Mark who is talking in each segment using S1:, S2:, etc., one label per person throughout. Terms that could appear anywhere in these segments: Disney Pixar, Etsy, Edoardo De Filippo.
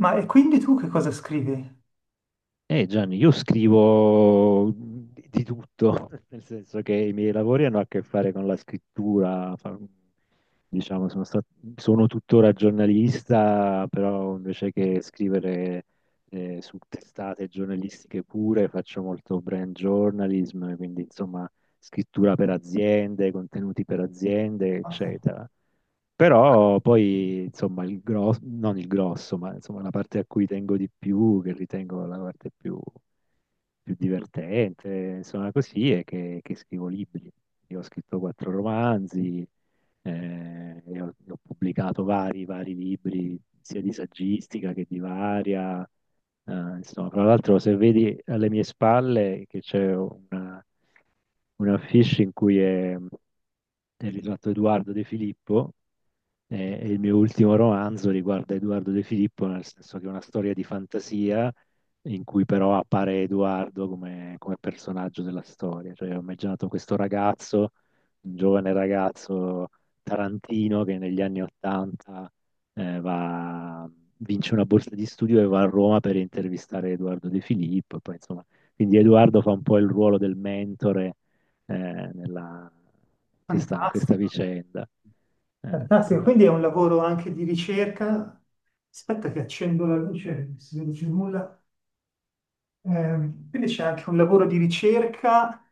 S1: Ma e quindi tu che cosa scrivi?
S2: Gianni, io scrivo di tutto, nel senso che i miei lavori hanno a che fare con la scrittura, diciamo, sono tuttora giornalista, però invece che scrivere su testate giornalistiche pure, faccio molto brand journalism, quindi insomma scrittura per aziende, contenuti per aziende,
S1: Porca.
S2: eccetera. Però poi, insomma, il grosso, non il grosso, ma insomma la parte a cui tengo di più, che ritengo la parte più divertente, insomma così, è che scrivo libri. Io ho scritto quattro romanzi, e ho pubblicato vari libri, sia di saggistica che di varia. eh, insomma, fra l'altro, se vedi alle mie spalle che c'è una affiche in cui è il ritratto Edoardo De Filippo, e il mio ultimo romanzo riguarda Edoardo De Filippo, nel senso che è una storia di fantasia in cui però appare Edoardo come personaggio della storia. Cioè, ho immaginato questo ragazzo, un giovane ragazzo tarantino che negli anni Ottanta eh, va- vince una borsa di studio e va a Roma per intervistare Edoardo De Filippo. E poi, insomma, quindi Edoardo fa un po' il ruolo del mentore eh, nella- in questa
S1: Fantastico,
S2: vicenda.
S1: fantastico.
S2: Però.
S1: Quindi è un lavoro anche di ricerca. Aspetta che accendo la luce, non si vede più nulla. Quindi c'è anche un lavoro di ricerca,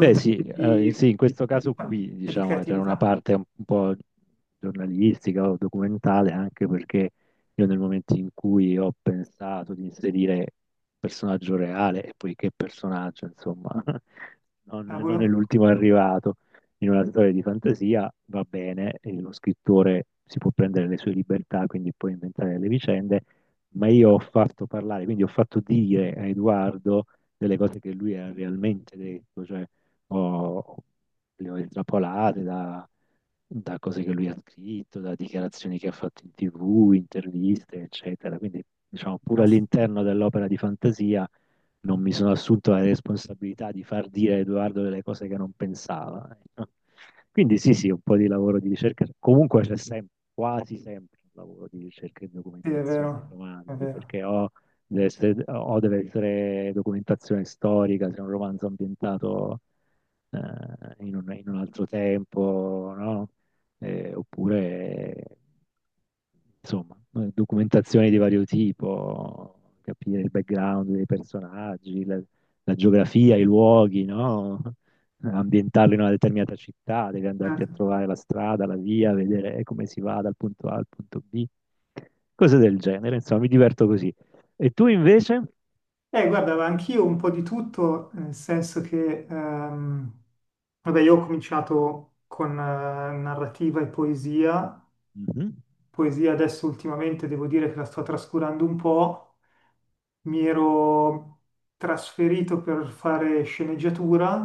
S2: Beh, sì, sì, in questo
S1: di-
S2: caso qui,
S1: che di
S2: diciamo, c'era una
S1: creatività.
S2: parte un po' giornalistica o documentale, anche perché io nel momento in cui ho pensato di inserire personaggio reale, e poi che personaggio, insomma,
S1: Cavolo,
S2: non è l'ultimo arrivato in una storia di fantasia, va bene, e lo scrittore si può prendere le sue libertà, quindi può inventare le vicende, ma io ho fatto parlare, quindi ho fatto dire a Edoardo delle cose che lui ha realmente detto, cioè ho, le ho intrappolate da cose che lui ha scritto, da dichiarazioni che ha fatto in TV, interviste, eccetera. Quindi, diciamo, pure
S1: fantastico.
S2: all'interno dell'opera di fantasia non mi sono assunto la responsabilità di far dire a Edoardo delle cose che non pensava. Ecco. Quindi sì, sì, un po' di lavoro di ricerca. Comunque c'è sempre, quasi sempre un lavoro di ricerca e
S1: Sì, è
S2: documentazione nei
S1: vero, è
S2: romanzi,
S1: vero.
S2: perché o deve essere documentazione storica, se è un romanzo ambientato in in un altro tempo, no? Oppure, insomma, documentazioni di vario tipo, capire il background dei personaggi, la geografia, i luoghi, no? Ambientarlo in una determinata città, devi andarti a
S1: Certo.
S2: trovare la strada, la via, vedere come si va dal punto A al punto B, cose del genere, insomma, mi diverto così. E tu invece?
S1: Guarda, ma anch'io un po' di tutto, nel senso che, vabbè, io ho cominciato con narrativa e poesia
S2: Mhm.
S1: poesia Adesso ultimamente devo dire che la sto trascurando un po'. Mi ero trasferito per fare sceneggiatura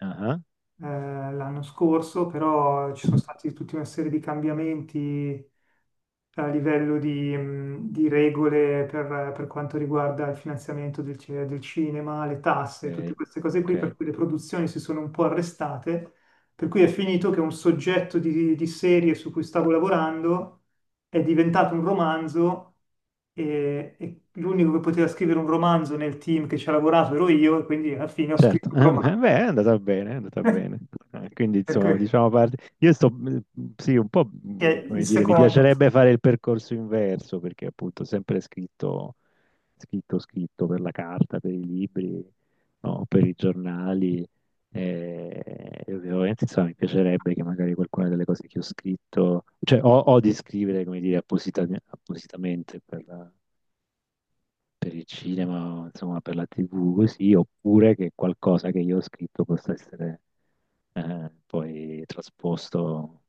S2: Ah,
S1: l'anno scorso, però ci sono stati tutta una serie di cambiamenti a livello di regole per quanto riguarda il finanziamento del cinema, le tasse, tutte
S2: ok,
S1: queste cose qui,
S2: ok.
S1: per cui le produzioni si sono un po' arrestate, per cui è finito che un soggetto di serie su cui stavo lavorando è diventato un romanzo e l'unico che poteva scrivere un romanzo nel team che ci ha lavorato ero io e quindi alla fine ho
S2: Certo,
S1: scritto un
S2: beh,
S1: romanzo.
S2: beh, è andata bene, è andata bene. Eh, quindi,
S1: Per
S2: insomma,
S1: cui
S2: diciamo, io sto, sì, un po',
S1: che è il
S2: come dire, mi
S1: secondo,
S2: piacerebbe fare il percorso inverso, perché appunto ho sempre scritto, scritto, scritto per la carta, per i libri, no, per i giornali, e, e ovviamente, insomma, mi piacerebbe che magari qualcuna delle cose che ho scritto, cioè, o di scrivere, come dire, appositamente per il cinema, insomma, per la TV, così, oppure che qualcosa che io ho scritto possa essere poi trasposto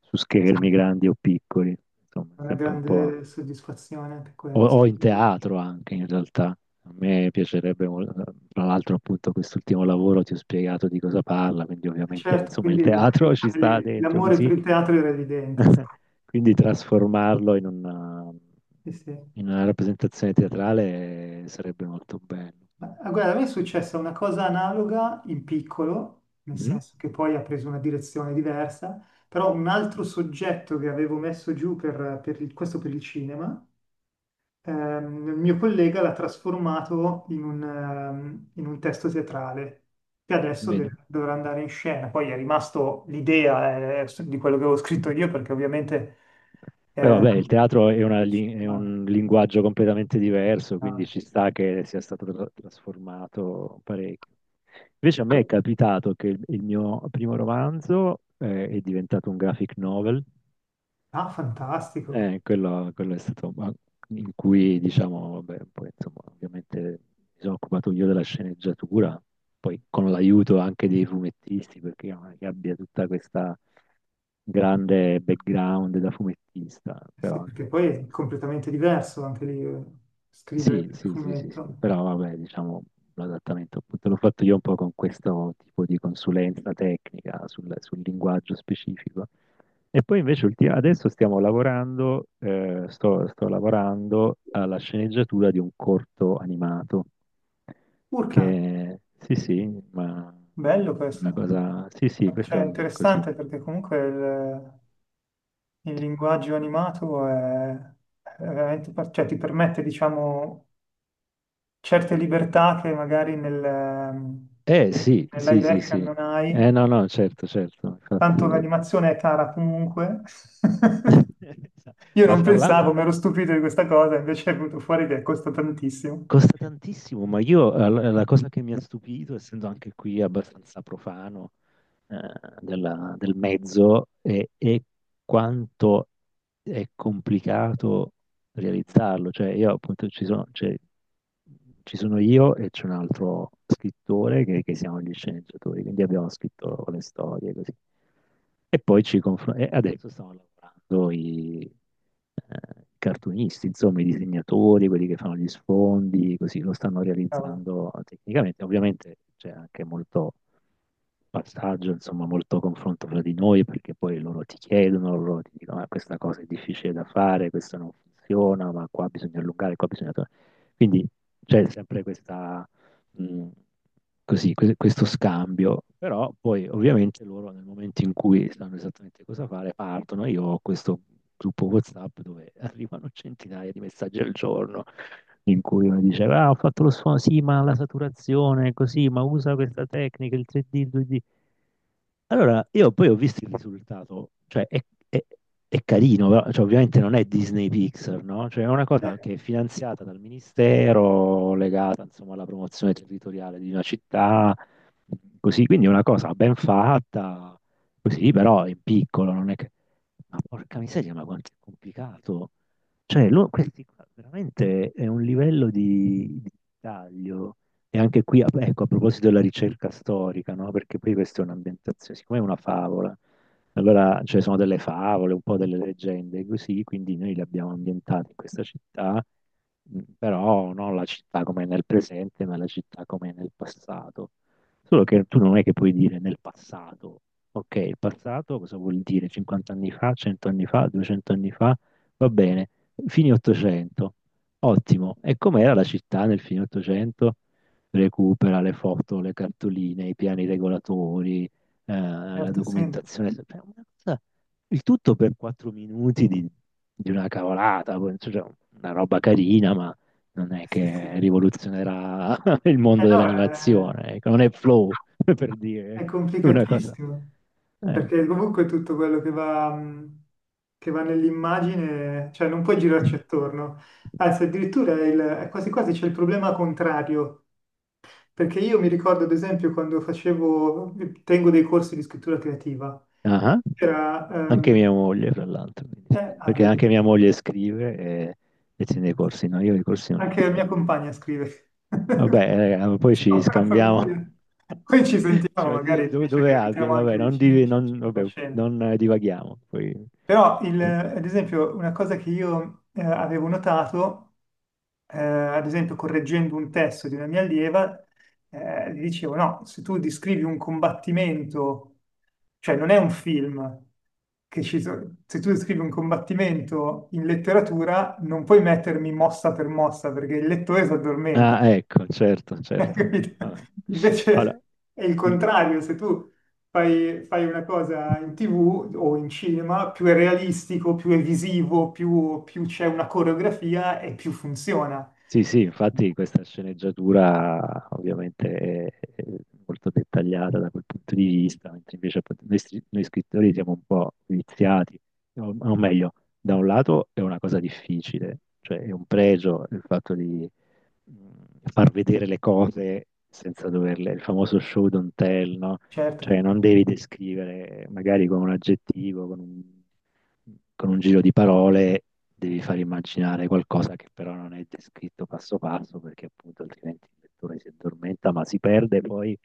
S2: su
S1: è
S2: schermi grandi o piccoli, insomma, è
S1: una
S2: sempre un po'.
S1: grande soddisfazione anche quella.
S2: O in
S1: Sì.
S2: teatro anche in realtà. A me piacerebbe, tra l'altro appunto quest'ultimo lavoro ti ho spiegato di cosa parla, quindi ovviamente
S1: Certo,
S2: insomma il
S1: quindi
S2: teatro ci sta dentro
S1: l'amore per
S2: così,
S1: il teatro era evidente. Sì,
S2: quindi trasformarlo
S1: sì, sì.
S2: in una rappresentazione teatrale sarebbe molto bello.
S1: Ma ah, guarda, a me è successa una cosa analoga in piccolo, nel
S2: Mhm.
S1: senso che poi ha preso una direzione diversa, però un altro soggetto che avevo messo giù questo per il cinema, il mio collega l'ha trasformato in in un testo teatrale che adesso
S2: Bene.
S1: dovrà andare in scena. Poi è rimasto l'idea, di quello che avevo scritto io, perché ovviamente
S2: Beh,
S1: eh,
S2: vabbè, il teatro
S1: il
S2: è
S1: cinema-
S2: un linguaggio completamente diverso, quindi
S1: ah,
S2: ci sta che sia stato trasformato parecchio. Invece a me è capitato che il mio primo romanzo, è diventato un graphic novel,
S1: Ah, fantastico.
S2: quello, quello è stato ma- in cui, diciamo, vabbè, poi, insomma, ovviamente mi sono occupato io della sceneggiatura, poi con l'aiuto anche dei fumettisti, perché io non è che abbia tutta questa grande background da fumettista,
S1: Eh sì,
S2: però
S1: perché poi
S2: insomma,
S1: è completamente diverso anche lì, scrivere il
S2: sì, sì, sì, sì, sì,
S1: fumetto.
S2: però vabbè, diciamo, l'adattamento appunto l'ho fatto io un po' con questo tipo di consulenza tecnica sul linguaggio specifico. E poi invece adesso stiamo lavorando, sto lavorando alla sceneggiatura di un corto animato,
S1: Urca,
S2: che sì, sì, ma
S1: bello
S2: è una
S1: questo.
S2: cosa, sì, sì, questo è
S1: Cioè,
S2: un, così.
S1: interessante perché comunque il linguaggio animato è veramente, cioè ti permette, diciamo, certe libertà che magari
S2: Eh sì,
S1: nel
S2: sì,
S1: live
S2: sì,
S1: action
S2: sì.
S1: non
S2: Eh
S1: hai.
S2: no, no, certo, certo,
S1: Tanto
S2: infatti.
S1: l'animazione è cara comunque. Io
S2: Ma
S1: non
S2: fra
S1: pensavo,
S2: l'altro...
S1: mi ero stupito di questa cosa, invece è venuto fuori che costa tantissimo.
S2: Costa tantissimo, ma io la cosa che mi ha stupito, essendo anche qui abbastanza profano, eh, del mezzo e quanto è complicato realizzarlo. Cioè, io appunto ci sono, cioè, ci sono io e c'è un altro scrittore che siamo gli sceneggiatori, quindi abbiamo scritto le storie così. E poi ci confrontiamo. Adesso stanno lavorando i cartunisti, insomma, i disegnatori, quelli che fanno gli sfondi, così lo stanno
S1: Cavolo.
S2: realizzando tecnicamente. Ovviamente c'è anche molto passaggio, insomma, molto confronto fra di noi, perché poi loro ti chiedono, loro ti dicono, "Ah, questa cosa è difficile da fare, questa non funziona, ma qua bisogna allungare, qua bisogna... Quindi c'è sempre questa, mh, così, questo scambio, però poi ovviamente loro nel momento in cui sanno esattamente cosa fare, partono. Io ho questo gruppo WhatsApp dove arrivano centinaia di messaggi al giorno in cui uno diceva, ah, ho fatto lo sfondo, sì, ma la saturazione è così, ma usa questa tecnica, il 3D, il 2D. Allora, io poi ho visto il risultato, cioè è- è carino, però, cioè, ovviamente non è Disney Pixar, no? Cioè è una
S1: Eh,
S2: cosa che è finanziata dal ministero, legata insomma alla promozione territoriale di una città, così, quindi è una cosa ben fatta, così, però in piccolo, non è che... Ma porca miseria, ma quanto è complicato. Cioè, questi qua veramente è un livello di taglio. E anche qui, ecco, a proposito della ricerca storica, no? Perché poi questa è un'ambientazione, siccome è una favola, allora, cioè, sono delle favole, un po' delle leggende, così, quindi noi le abbiamo ambientate in questa città, però non la città come è nel presente, ma la città come è nel passato. Solo che tu non è che puoi dire nel passato. Ok, il passato cosa vuol dire? 50 anni fa, 100 anni fa, 200 anni fa? Va bene, fine Ottocento. Ottimo. E com'era la città nel fine Ottocento? Recupera le foto, le cartoline, i piani regolatori, la
S1: certo, sì.
S2: documentazione. Il tutto per 4 minuti di, una cavolata, poi, cioè, una roba carina, ma non è
S1: Sì,
S2: che
S1: sì.
S2: rivoluzionerà il mondo
S1: No, eh,
S2: dell'animazione. Ecco, non è flow, per
S1: è
S2: dire una cosa.
S1: complicatissimo,
S2: eh.
S1: perché comunque tutto quello che va nell'immagine, cioè non puoi girarci attorno. Anzi, addirittura è quasi quasi c'è il problema contrario, perché io mi ricordo, ad esempio, tengo dei corsi di scrittura creativa,
S2: Ah,
S1: era,
S2: anche mia
S1: ehm,
S2: moglie, fra l'altro, quindi sì,
S1: ah,
S2: perché
S1: vedi,
S2: anche mia moglie scrive e tiene i corsi, no, io i corsi non li
S1: anche la mia
S2: tengo.
S1: compagna scrive,
S2: Vabbè, raga, ma poi ci
S1: siamo una
S2: scambiamo.
S1: famiglia. Poi ci sentiamo,
S2: Cioè,
S1: magari finisce
S2: dove
S1: che
S2: abiti?
S1: abitiamo anche
S2: Vabbè, non,
S1: vicini,
S2: div- non-
S1: c'è una
S2: vabbè,
S1: cena.
S2: non, divaghiamo.
S1: Però, ad esempio, una cosa che io, avevo notato, ad esempio, correggendo un testo di una mia allieva, gli dicevo, no, se tu descrivi un combattimento, cioè non è un film, se tu descrivi un combattimento in letteratura, non puoi mettermi mossa per mossa, perché il lettore si addormenta.
S2: Ah, ecco, certo, certo.
S1: Capito?
S2: Vabbè.
S1: Invece
S2: Allora,
S1: è il
S2: il-
S1: contrario, se tu fai una cosa in TV o in cinema, più è realistico, più è visivo, più, più c'è una coreografia e più funziona.
S2: Sì, sì, infatti questa sceneggiatura ovviamente è molto dettagliata da quel punto di vista, mentre invece appunto, noi, noi scrittori siamo un po' viziati, o meglio, da un lato è una cosa difficile, cioè è un pregio il fatto di far vedere le cose senza doverle, il famoso show don't tell, no?
S1: Certo,
S2: Cioè non devi descrivere magari con un aggettivo, con un, giro di parole, devi far immaginare qualcosa che però non è descritto passo passo perché appunto altrimenti il lettore si addormenta, ma si perde poi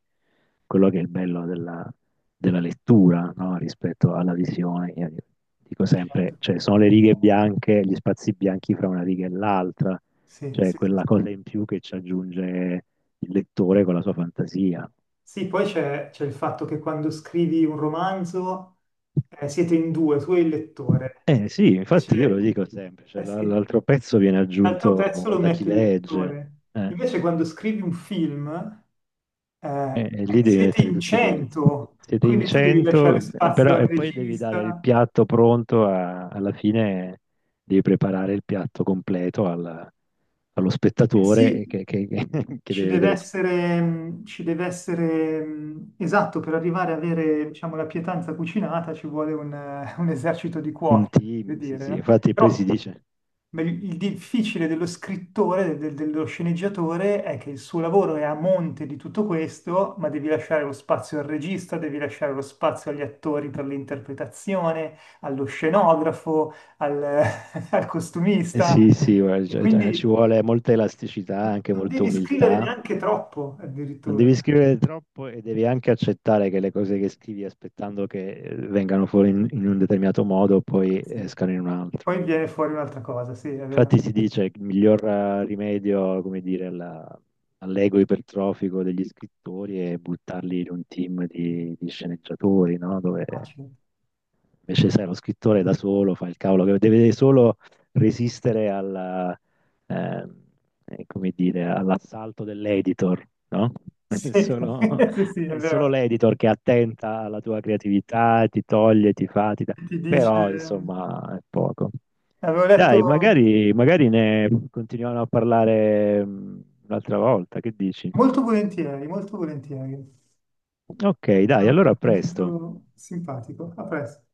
S2: quello che è il bello della lettura, no? Rispetto alla visione. Io dico sempre,
S1: certo.
S2: cioè sono le righe bianche, gli spazi bianchi fra una riga e l'altra,
S1: Sì,
S2: cioè,
S1: sì, sì.
S2: quella cosa in più che ci aggiunge il lettore con la sua fantasia.
S1: Sì, poi c'è il fatto che quando scrivi un romanzo, siete in due, tu e il lettore.
S2: Eh sì, infatti io
S1: Invece,
S2: lo dico sempre, cioè,
S1: eh sì,
S2: l'altro pezzo viene
S1: l'altro
S2: aggiunto
S1: pezzo lo
S2: da chi
S1: mette il
S2: legge,
S1: lettore.
S2: eh,
S1: Invece quando scrivi un film, eh,
S2: e lì devi
S1: siete
S2: mettere
S1: in
S2: tutti i pezzi.
S1: cento,
S2: Siete in
S1: quindi tu devi lasciare
S2: 100,
S1: spazio
S2: però,
S1: al
S2: e poi devi dare il
S1: regista.
S2: piatto pronto alla fine, devi preparare il piatto completo allo
S1: Eh
S2: spettatore
S1: sì,
S2: che
S1: ci
S2: deve
S1: deve
S2: vedere tutto.
S1: essere, ci deve essere, esatto, per arrivare a avere, diciamo, la pietanza cucinata ci vuole un, un esercito di
S2: Un
S1: cuochi, per
S2: team, sì,
S1: dire,
S2: sì,
S1: no?
S2: infatti poi si
S1: Però
S2: dice...
S1: ma il difficile dello scrittore, dello sceneggiatore, è che il suo lavoro è a monte di tutto questo, ma devi lasciare lo spazio al regista, devi lasciare lo spazio agli attori per l'interpretazione, allo scenografo, al, al
S2: Eh
S1: costumista.
S2: sì, sì, guarda,
S1: E
S2: cioè, ci
S1: quindi
S2: vuole molta elasticità, anche
S1: non
S2: molta
S1: devi scrivere
S2: umiltà.
S1: neanche troppo,
S2: Non
S1: addirittura.
S2: devi scrivere troppo e devi anche accettare che le cose che scrivi aspettando che vengano fuori in un determinato modo poi
S1: Sì.
S2: escano in un altro.
S1: Poi viene fuori un'altra cosa, sì, è vero.
S2: Infatti si dice che il miglior rimedio, come dire, all'ego ipertrofico degli scrittori è buttarli in un team di sceneggiatori, no? Dove
S1: Facile.
S2: Invece, sai, lo scrittore da solo fa il cavolo che deve solo resistere eh, come dire, all'assalto dell'editor, no? È
S1: Sì,
S2: solo,
S1: sì, sì, è
S2: è solo
S1: vero.
S2: l'editor che è attenta alla tua creatività, ti toglie, ti fa, ti dà.
S1: Ti dice...
S2: Però, insomma, è poco.
S1: Avevo letto
S2: Dai, magari, magari ne continuiamo a parlare un'altra volta, che dici?
S1: molto volentieri, molto volentieri.
S2: Ok,
S1: È
S2: dai,
S1: un
S2: allora a presto.
S1: argomento simpatico. A presto.